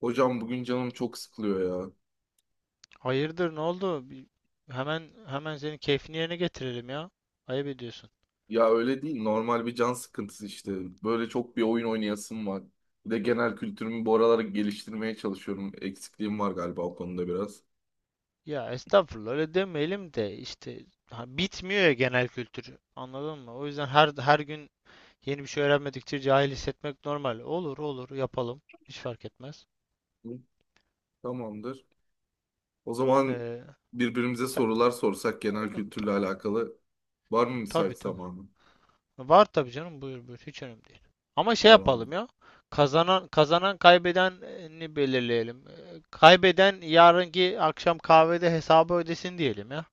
Hocam bugün canım çok sıkılıyor ya. Hayırdır ne oldu? Hemen hemen senin keyfini yerine getirelim ya. Ayıp ediyorsun. Ya öyle değil normal bir can sıkıntısı işte. Böyle çok bir oyun oynayasım var. Bir de genel kültürümü bu aralar geliştirmeye çalışıyorum. Eksikliğim var galiba o konuda biraz. Ya estağfurullah öyle demeyelim de işte ha, bitmiyor ya genel kültürü. Anladın mı? O yüzden her gün yeni bir şey öğrenmedikçe cahil hissetmek normal. Olur olur yapalım. Hiç fark etmez. Hı. Tamamdır. O zaman Ee, birbirimize Sen, sorular sorsak genel ta- kültürle alakalı. Var mı tabii müsait tabii. zamanı? Var tabii canım, buyur buyur, hiç önemli değil. Ama şey yapalım Tamam. ya. Kazanan kazanan kaybedeni belirleyelim. Kaybeden yarınki akşam kahvede hesabı ödesin diyelim ya.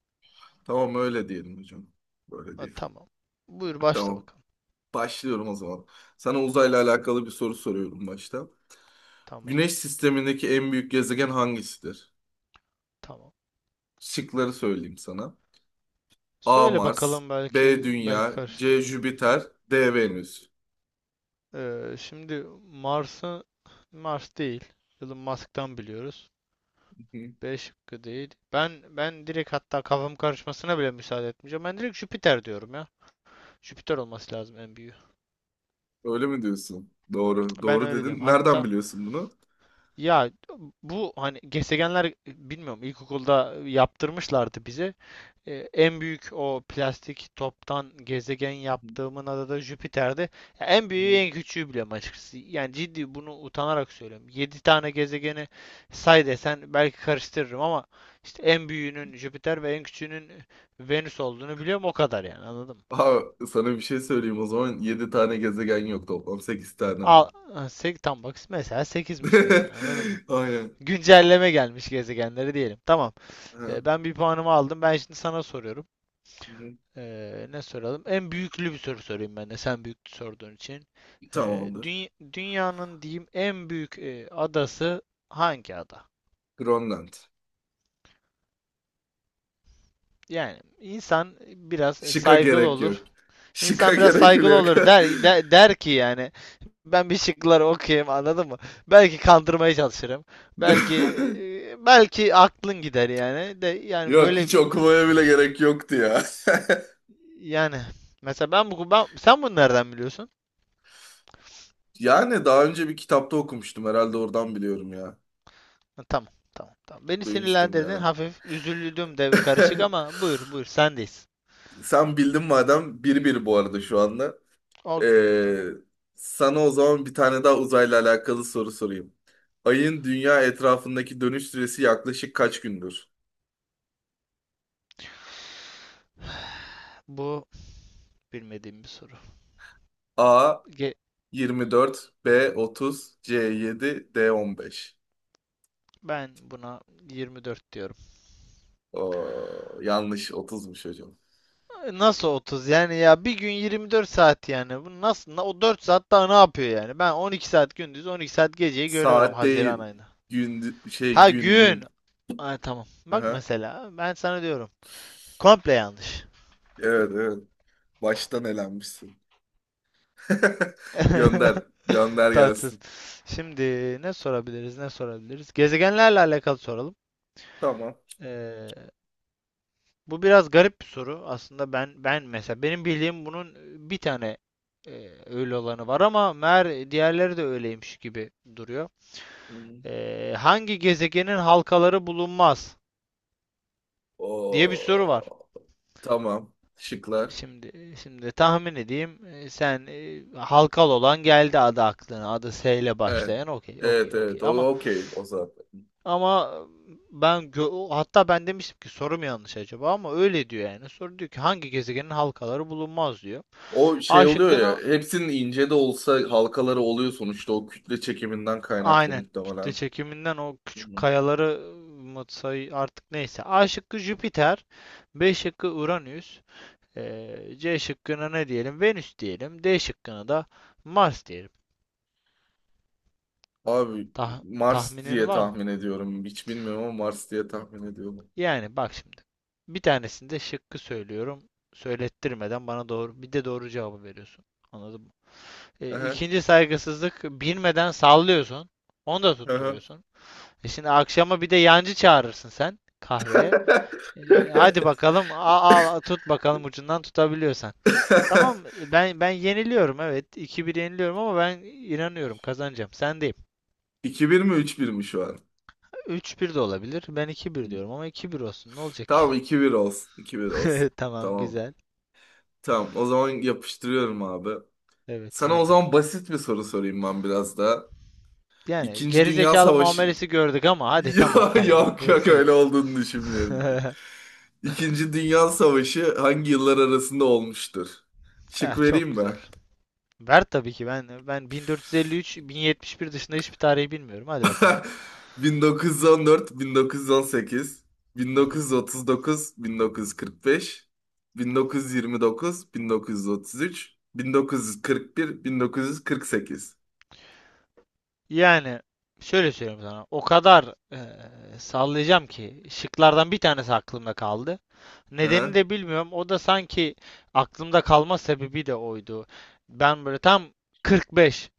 Tamam öyle diyelim hocam. Böyle Ha, diyelim. tamam. Buyur başla Tamam. bakalım. Başlıyorum o zaman. Hı Sana hı. uzayla alakalı bir soru soruyorum başta. Tamam. Güneş sistemindeki en büyük gezegen hangisidir? Tamam. Şıkları söyleyeyim sana. A. Söyle Mars, bakalım, belki B. belki Dünya, C. karıştırırım. Jüpiter, D. Venüs. Şimdi Mars'ı Mars değil. Elon Musk'tan biliyoruz. Hı hı. B şıkkı değil. Ben direkt, hatta kafam karışmasına bile müsaade etmeyeceğim. Ben direkt Jüpiter diyorum ya. Jüpiter olması lazım en büyüğü. Öyle mi diyorsun? Doğru. Ben Doğru öyle diyorum. dedin. Nereden Hatta biliyorsun bunu? ya, bu hani gezegenler, bilmiyorum, ilkokulda yaptırmışlardı bize. En büyük o plastik toptan gezegen yaptığımın adı da Jüpiter'di. Ya en Hı büyüğü hı. en küçüğü biliyorum açıkçası. Yani ciddi bunu utanarak söylüyorum. Yedi tane gezegeni say desen belki karıştırırım ama işte en büyüğünün Jüpiter ve en küçüğünün Venüs olduğunu biliyorum o kadar, yani anladın mı? Aa, sana bir şey söyleyeyim o zaman. 7 tane gezegen yok toplam. 8 tane var. Al, tam bak mesela sekizmiş, mesela anladın mı? Aynen. Güncelleme gelmiş gezegenleri diyelim. Tamam. Ha. Hı Ben bir puanımı aldım. Ben şimdi sana soruyorum. hı. Ne soralım? En büyüklü bir soru sorayım ben de, sen büyük sorduğun için. Ee, Tamamdır. düny- dünyanın diyeyim, en büyük adası hangi ada? Grönland. Yani insan biraz Şıka saygılı gerek yok. olur. Şıka İnsan biraz gerek bile saygılı yok. olur der ki yani ben bir şıkları okuyayım anladın mı? Belki kandırmaya çalışırım. Belki belki aklın gider yani. De yani Yok böyle, hiç okumaya bile gerek yoktu ya. yani mesela ben bu ben sen bunu nereden biliyorsun? Yani daha önce bir kitapta okumuştum herhalde oradan biliyorum ya. Ha, tamam, tamam, tamam. Beni Duymuştum bir sinirlendirdin. ara. Hafif üzüldüm de karışık, ama buyur, buyur. Sendeyiz. Sen bildin madem 1-1 bu arada şu anda. O güzel, Ee, tamam. sana o zaman bir tane daha uzayla alakalı soru sorayım. Ayın dünya etrafındaki dönüş süresi yaklaşık kaç gündür? Bu bilmediğim bir soru. A Ge- 24, B 30, C 7, D 15. ben buna 24 diyorum. Oo, yanlış 30'muş hocam. Nasıl 30? Yani ya bir gün 24 saat yani. Bu nasıl? O 4 saat daha ne yapıyor yani? Ben 12 saat gündüz, 12 saat geceyi görüyorum Saat Haziran değil. ayında. Gün şey Ha, gün gün. gün. Ay tamam. Bak Aha. mesela ben sana diyorum. Komple yanlış. Evet evet. Baştan elenmişsin. Gönder. Gönder Tatsız. gelsin. Şimdi ne sorabiliriz, ne sorabiliriz? Gezegenlerle alakalı soralım. Tamam. Ee, bu biraz garip bir soru. Aslında ben mesela, benim bildiğim bunun bir tane öyle olanı var ama meğer diğerleri de öyleymiş gibi duruyor. Hı hı. Hangi gezegenin halkaları bulunmaz diye bir soru var. Oo, tamam. Şıklar. Şimdi tahmin edeyim. Sen halkalı olan geldi adı aklına. Adı S ile Evet. başlayan. Okey, okey, Evet okey. evet. O okey o zaten. Ama Hatta ben demiştim ki soru mu yanlış acaba, ama öyle diyor yani. Soru diyor ki hangi gezegenin halkaları bulunmaz diyor. O şey A oluyor şıkkına ya. Hepsinin ince de olsa halkaları oluyor sonuçta. O kütle çekiminden kaynaklı aynen kütle muhtemelen. çekiminden o Hı küçük hı. kayaları mı say artık, neyse. A şıkkı Jüpiter, B şıkkı Uranüs, C şıkkına ne diyelim? Venüs diyelim. D şıkkına da Mars diyelim. Abi Tah- Mars tahminin diye var mı? tahmin ediyorum. Hiç bilmiyorum ama Mars diye tahmin ediyorum. Yani bak şimdi. Bir tanesinde şıkkı söylüyorum. Söylettirmeden bana doğru bir de doğru cevabı veriyorsun. Anladın mı? E, Aha, ikinci saygısızlık, bilmeden sallıyorsun. Onu da aha. tutturuyorsun. Şimdi akşama bir de yancı çağırırsın sen kahveye. Hadi bakalım, al tut bakalım ucundan tutabiliyorsan. Tamam, ben yeniliyorum evet. iki bir yeniliyorum ama ben inanıyorum kazanacağım. Sendeyim. 2-1 mi 3-1 mi şu an? Üç bir de olabilir. Ben iki Hı. bir diyorum ama iki bir olsun. Ne olacak ki? Tamam 2-1 olsun. 2-1 olsun. Tamam Tamam. güzel. Tamam, o zaman yapıştırıyorum abi. Evet Sana o sendeyim. zaman basit bir soru sorayım ben biraz da. Yani İkinci Dünya gerizekalı Savaşı... muamelesi gördük ama hadi, tamam Ya tamam. yok Buyur yok sen. öyle olduğunu düşünmüyorum. İkinci Dünya Savaşı hangi yıllar arasında olmuştur? Şık Eh, vereyim çok güzel. mi? Ver tabii ki, ben 1453, 1071 dışında hiçbir tarihi bilmiyorum. Hadi bakalım. 1914, 1918, Hı hı. 1939, 1945, 1929, 1933, 1941, 1948. Yani şöyle söyleyeyim sana. O kadar sallayacağım ki şıklardan bir tanesi aklımda kaldı. Nedenini de bilmiyorum. O da sanki aklımda kalma sebebi de oydu. Ben böyle tam 45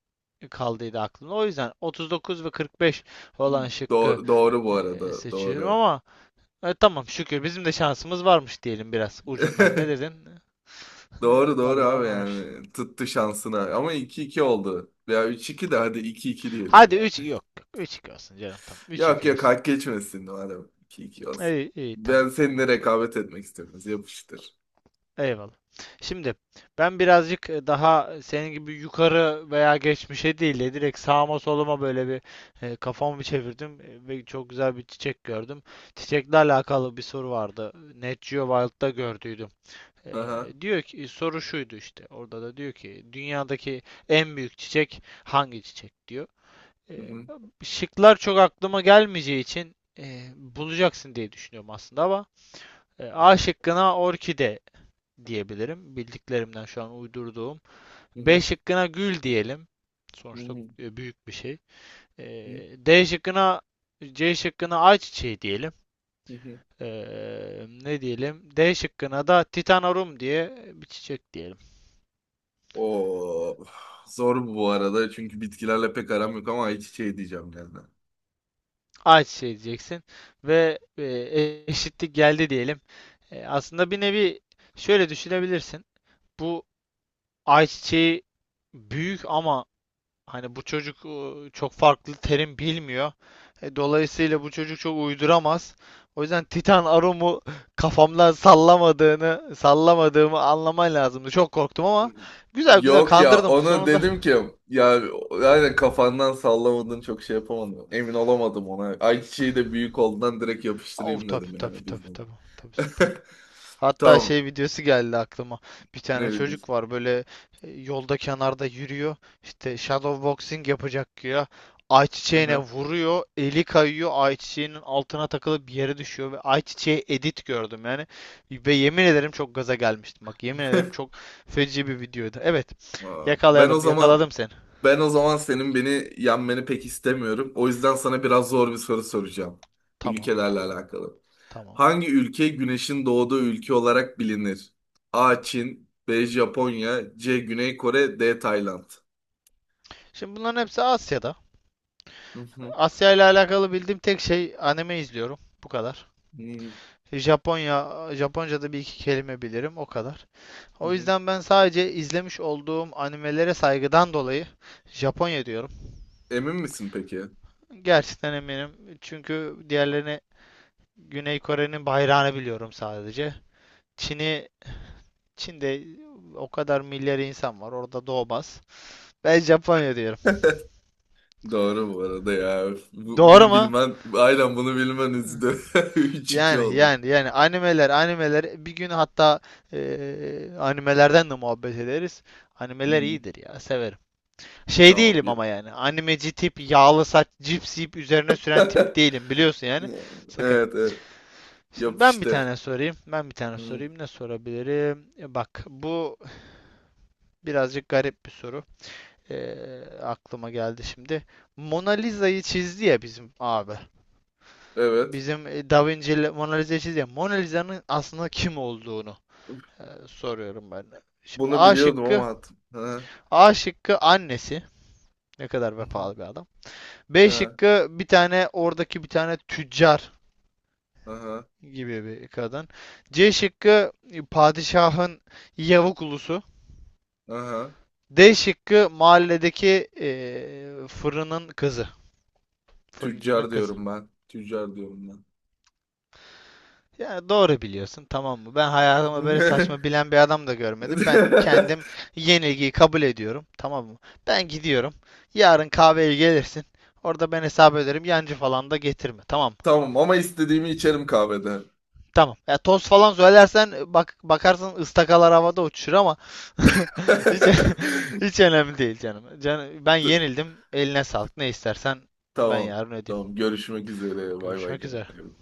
kaldıydı aklımda. O yüzden 39 ve 45 olan şıkkı Doğru, doğru bu arada. seçiyorum Doğru. ama tamam, şükür bizim de şansımız varmış diyelim biraz ucundan. Ne dedin? Ee, Doğru doğru vallahi abi varmış. yani. Tuttu şansına. Ama 2-2 oldu. Veya 3-2 de hadi iki 2 diyelim Hadi üç, yani. yok üç 3 olsun canım, tamam, 3 Yok 2 yok olsun. hak geçmesin madem. 2-2 olsun. İyi iyi, Ben tamam tamam seninle tamam. rekabet etmek istiyorum. Yapıştır. Eyvallah. Şimdi ben birazcık daha senin gibi yukarı veya geçmişe değil de direkt sağıma soluma böyle bir kafamı bir çevirdim ve çok güzel bir çiçek gördüm. Çiçekle alakalı bir soru vardı. Net Geo Wild'da gördüydüm. E, Aha. diyor ki, soru şuydu işte orada da, diyor ki dünyadaki en büyük çiçek hangi çiçek diyor. Hı Ee, hı. şıklar çok aklıma gelmeyeceği için bulacaksın diye düşünüyorum aslında, ama A şıkkına orkide diyebilirim. Bildiklerimden şu an uydurduğum. Hı B hı. şıkkına gül diyelim. Hı Sonuçta hı. Büyük bir şey. E, Hı hı. D şıkkına C şıkkına ayçiçeği diyelim. Hı hı. E, ne diyelim? D şıkkına da titanorum diye bir çiçek diyelim. O zor bu arada çünkü bitkilerle pek aram yok ama hiç şey diyeceğim yani. Ayçiçeği diyeceksin ve eşitlik geldi diyelim. Aslında bir nevi şöyle düşünebilirsin. Bu ayçiçeği büyük ama hani bu çocuk çok farklı terim bilmiyor. Dolayısıyla bu çocuk çok uyduramaz. O yüzden Titan Arum'u kafamdan sallamadığını, sallamadığımı anlaman lazımdı. Çok korktum ama güzel güzel Yok ya kandırdım ona sonunda. dedim ki ya yani kafandan sallamadın çok şey yapamadım. Emin olamadım ona. Ayçiçeği de büyük olduğundan direkt Of, yapıştırayım tabii dedim tabii yani tabii bilmem. tabii. Tabii süper. Hatta Tamam. şey videosu geldi aklıma. Bir tane Ne bileyim. çocuk var böyle, yolda kenarda yürüyor. İşte shadow boxing yapacak ya. Ayçiçeğine Aha. vuruyor, eli kayıyor, ayçiçeğinin altına takılıp bir yere düşüyor ve ayçiçeği edit gördüm yani. Ve yemin ederim çok gaza gelmiştim. Bak yemin ederim çok feci bir videoydu. Evet, Aa, Ben o yakalayalım, zaman yakaladım seni. Ben o zaman senin beni yenmeni pek istemiyorum. O yüzden sana biraz zor bir soru soracağım. Tamam, Ülkelerle tamam, alakalı. tamam. Hangi ülke güneşin doğduğu ülke olarak bilinir? A. Çin, B. Japonya, C. Güney Kore, D. Tayland. Şimdi bunların hepsi Asya'da. Hı hı, Asya ile alakalı bildiğim tek şey, anime izliyorum. Bu kadar. hı Japonya, Japonca'da bir iki kelime bilirim, o kadar. hı, O hı. yüzden ben sadece izlemiş olduğum animelere saygıdan dolayı Japonya diyorum. Emin misin peki? Gerçekten eminim. Çünkü diğerlerini, Güney Kore'nin bayrağını biliyorum sadece. Çin'i, Çin'de o kadar milyar insan var, orada doğmaz. Ben Japonya diyorum. Doğru bu arada ya. Bu- Doğru bunu mu? bilmen, aynen bunu bilmen üzdü. 3-2 Yani oldu. yani yani animeler, animeler bir gün hatta animelerden de muhabbet ederiz. Animeler Hı, iyidir ya, severim. Şey tamam. değilim ama, yani animeci tip, yağlı saç cips yiyip üzerine süren tip değilim, biliyorsun yani, sakın. Evet, evet. Şimdi ben bir Yapıştır. tane sorayım. Ben bir tane Hı, sorayım. Ne sorabilirim? Bak bu birazcık garip bir soru. Aklıma geldi şimdi. Mona Lisa'yı çizdi ya bizim abi. evet. Bizim Da Vinci Mona Lisa'yı çizdi ya. Mona Lisa'nın aslında kim olduğunu soruyorum ben. Şimdi Bunu A biliyordum şıkkı. ama attım. Ha, A şıkkı annesi. Ne kadar hı hı, vefalı bir adam. B ha, şıkkı bir tane oradaki, bir tane tüccar aha, gibi bir kadın. C şıkkı padişahın yavuk ulusu. aha. D şıkkı mahalledeki fırının kızı, fırıncının Tüccar kızı. diyorum ben. Tüccar diyorum ben. Yani doğru biliyorsun tamam mı? Ben hayatımda böyle saçma bilen bir adam da görmedim. Ben kendim yenilgiyi kabul ediyorum. Tamam mı? Ben gidiyorum. Yarın kahveye gelirsin. Orada ben hesap ederim. Yancı falan da getirme. Tamam mı? Tamam ama istediğimi içerim kahvede. Tamam. Ya toz falan söylersen bak, bakarsın ıstakalar havada uçuşur ama hiç hiç önemli değil canım. Can, ben T- yenildim. Eline sağlık. Ne istersen ben Tamam. yarın ödeyeyim. Tamam. Görüşmek üzere. Bay bay Görüşmek üzere. kendine.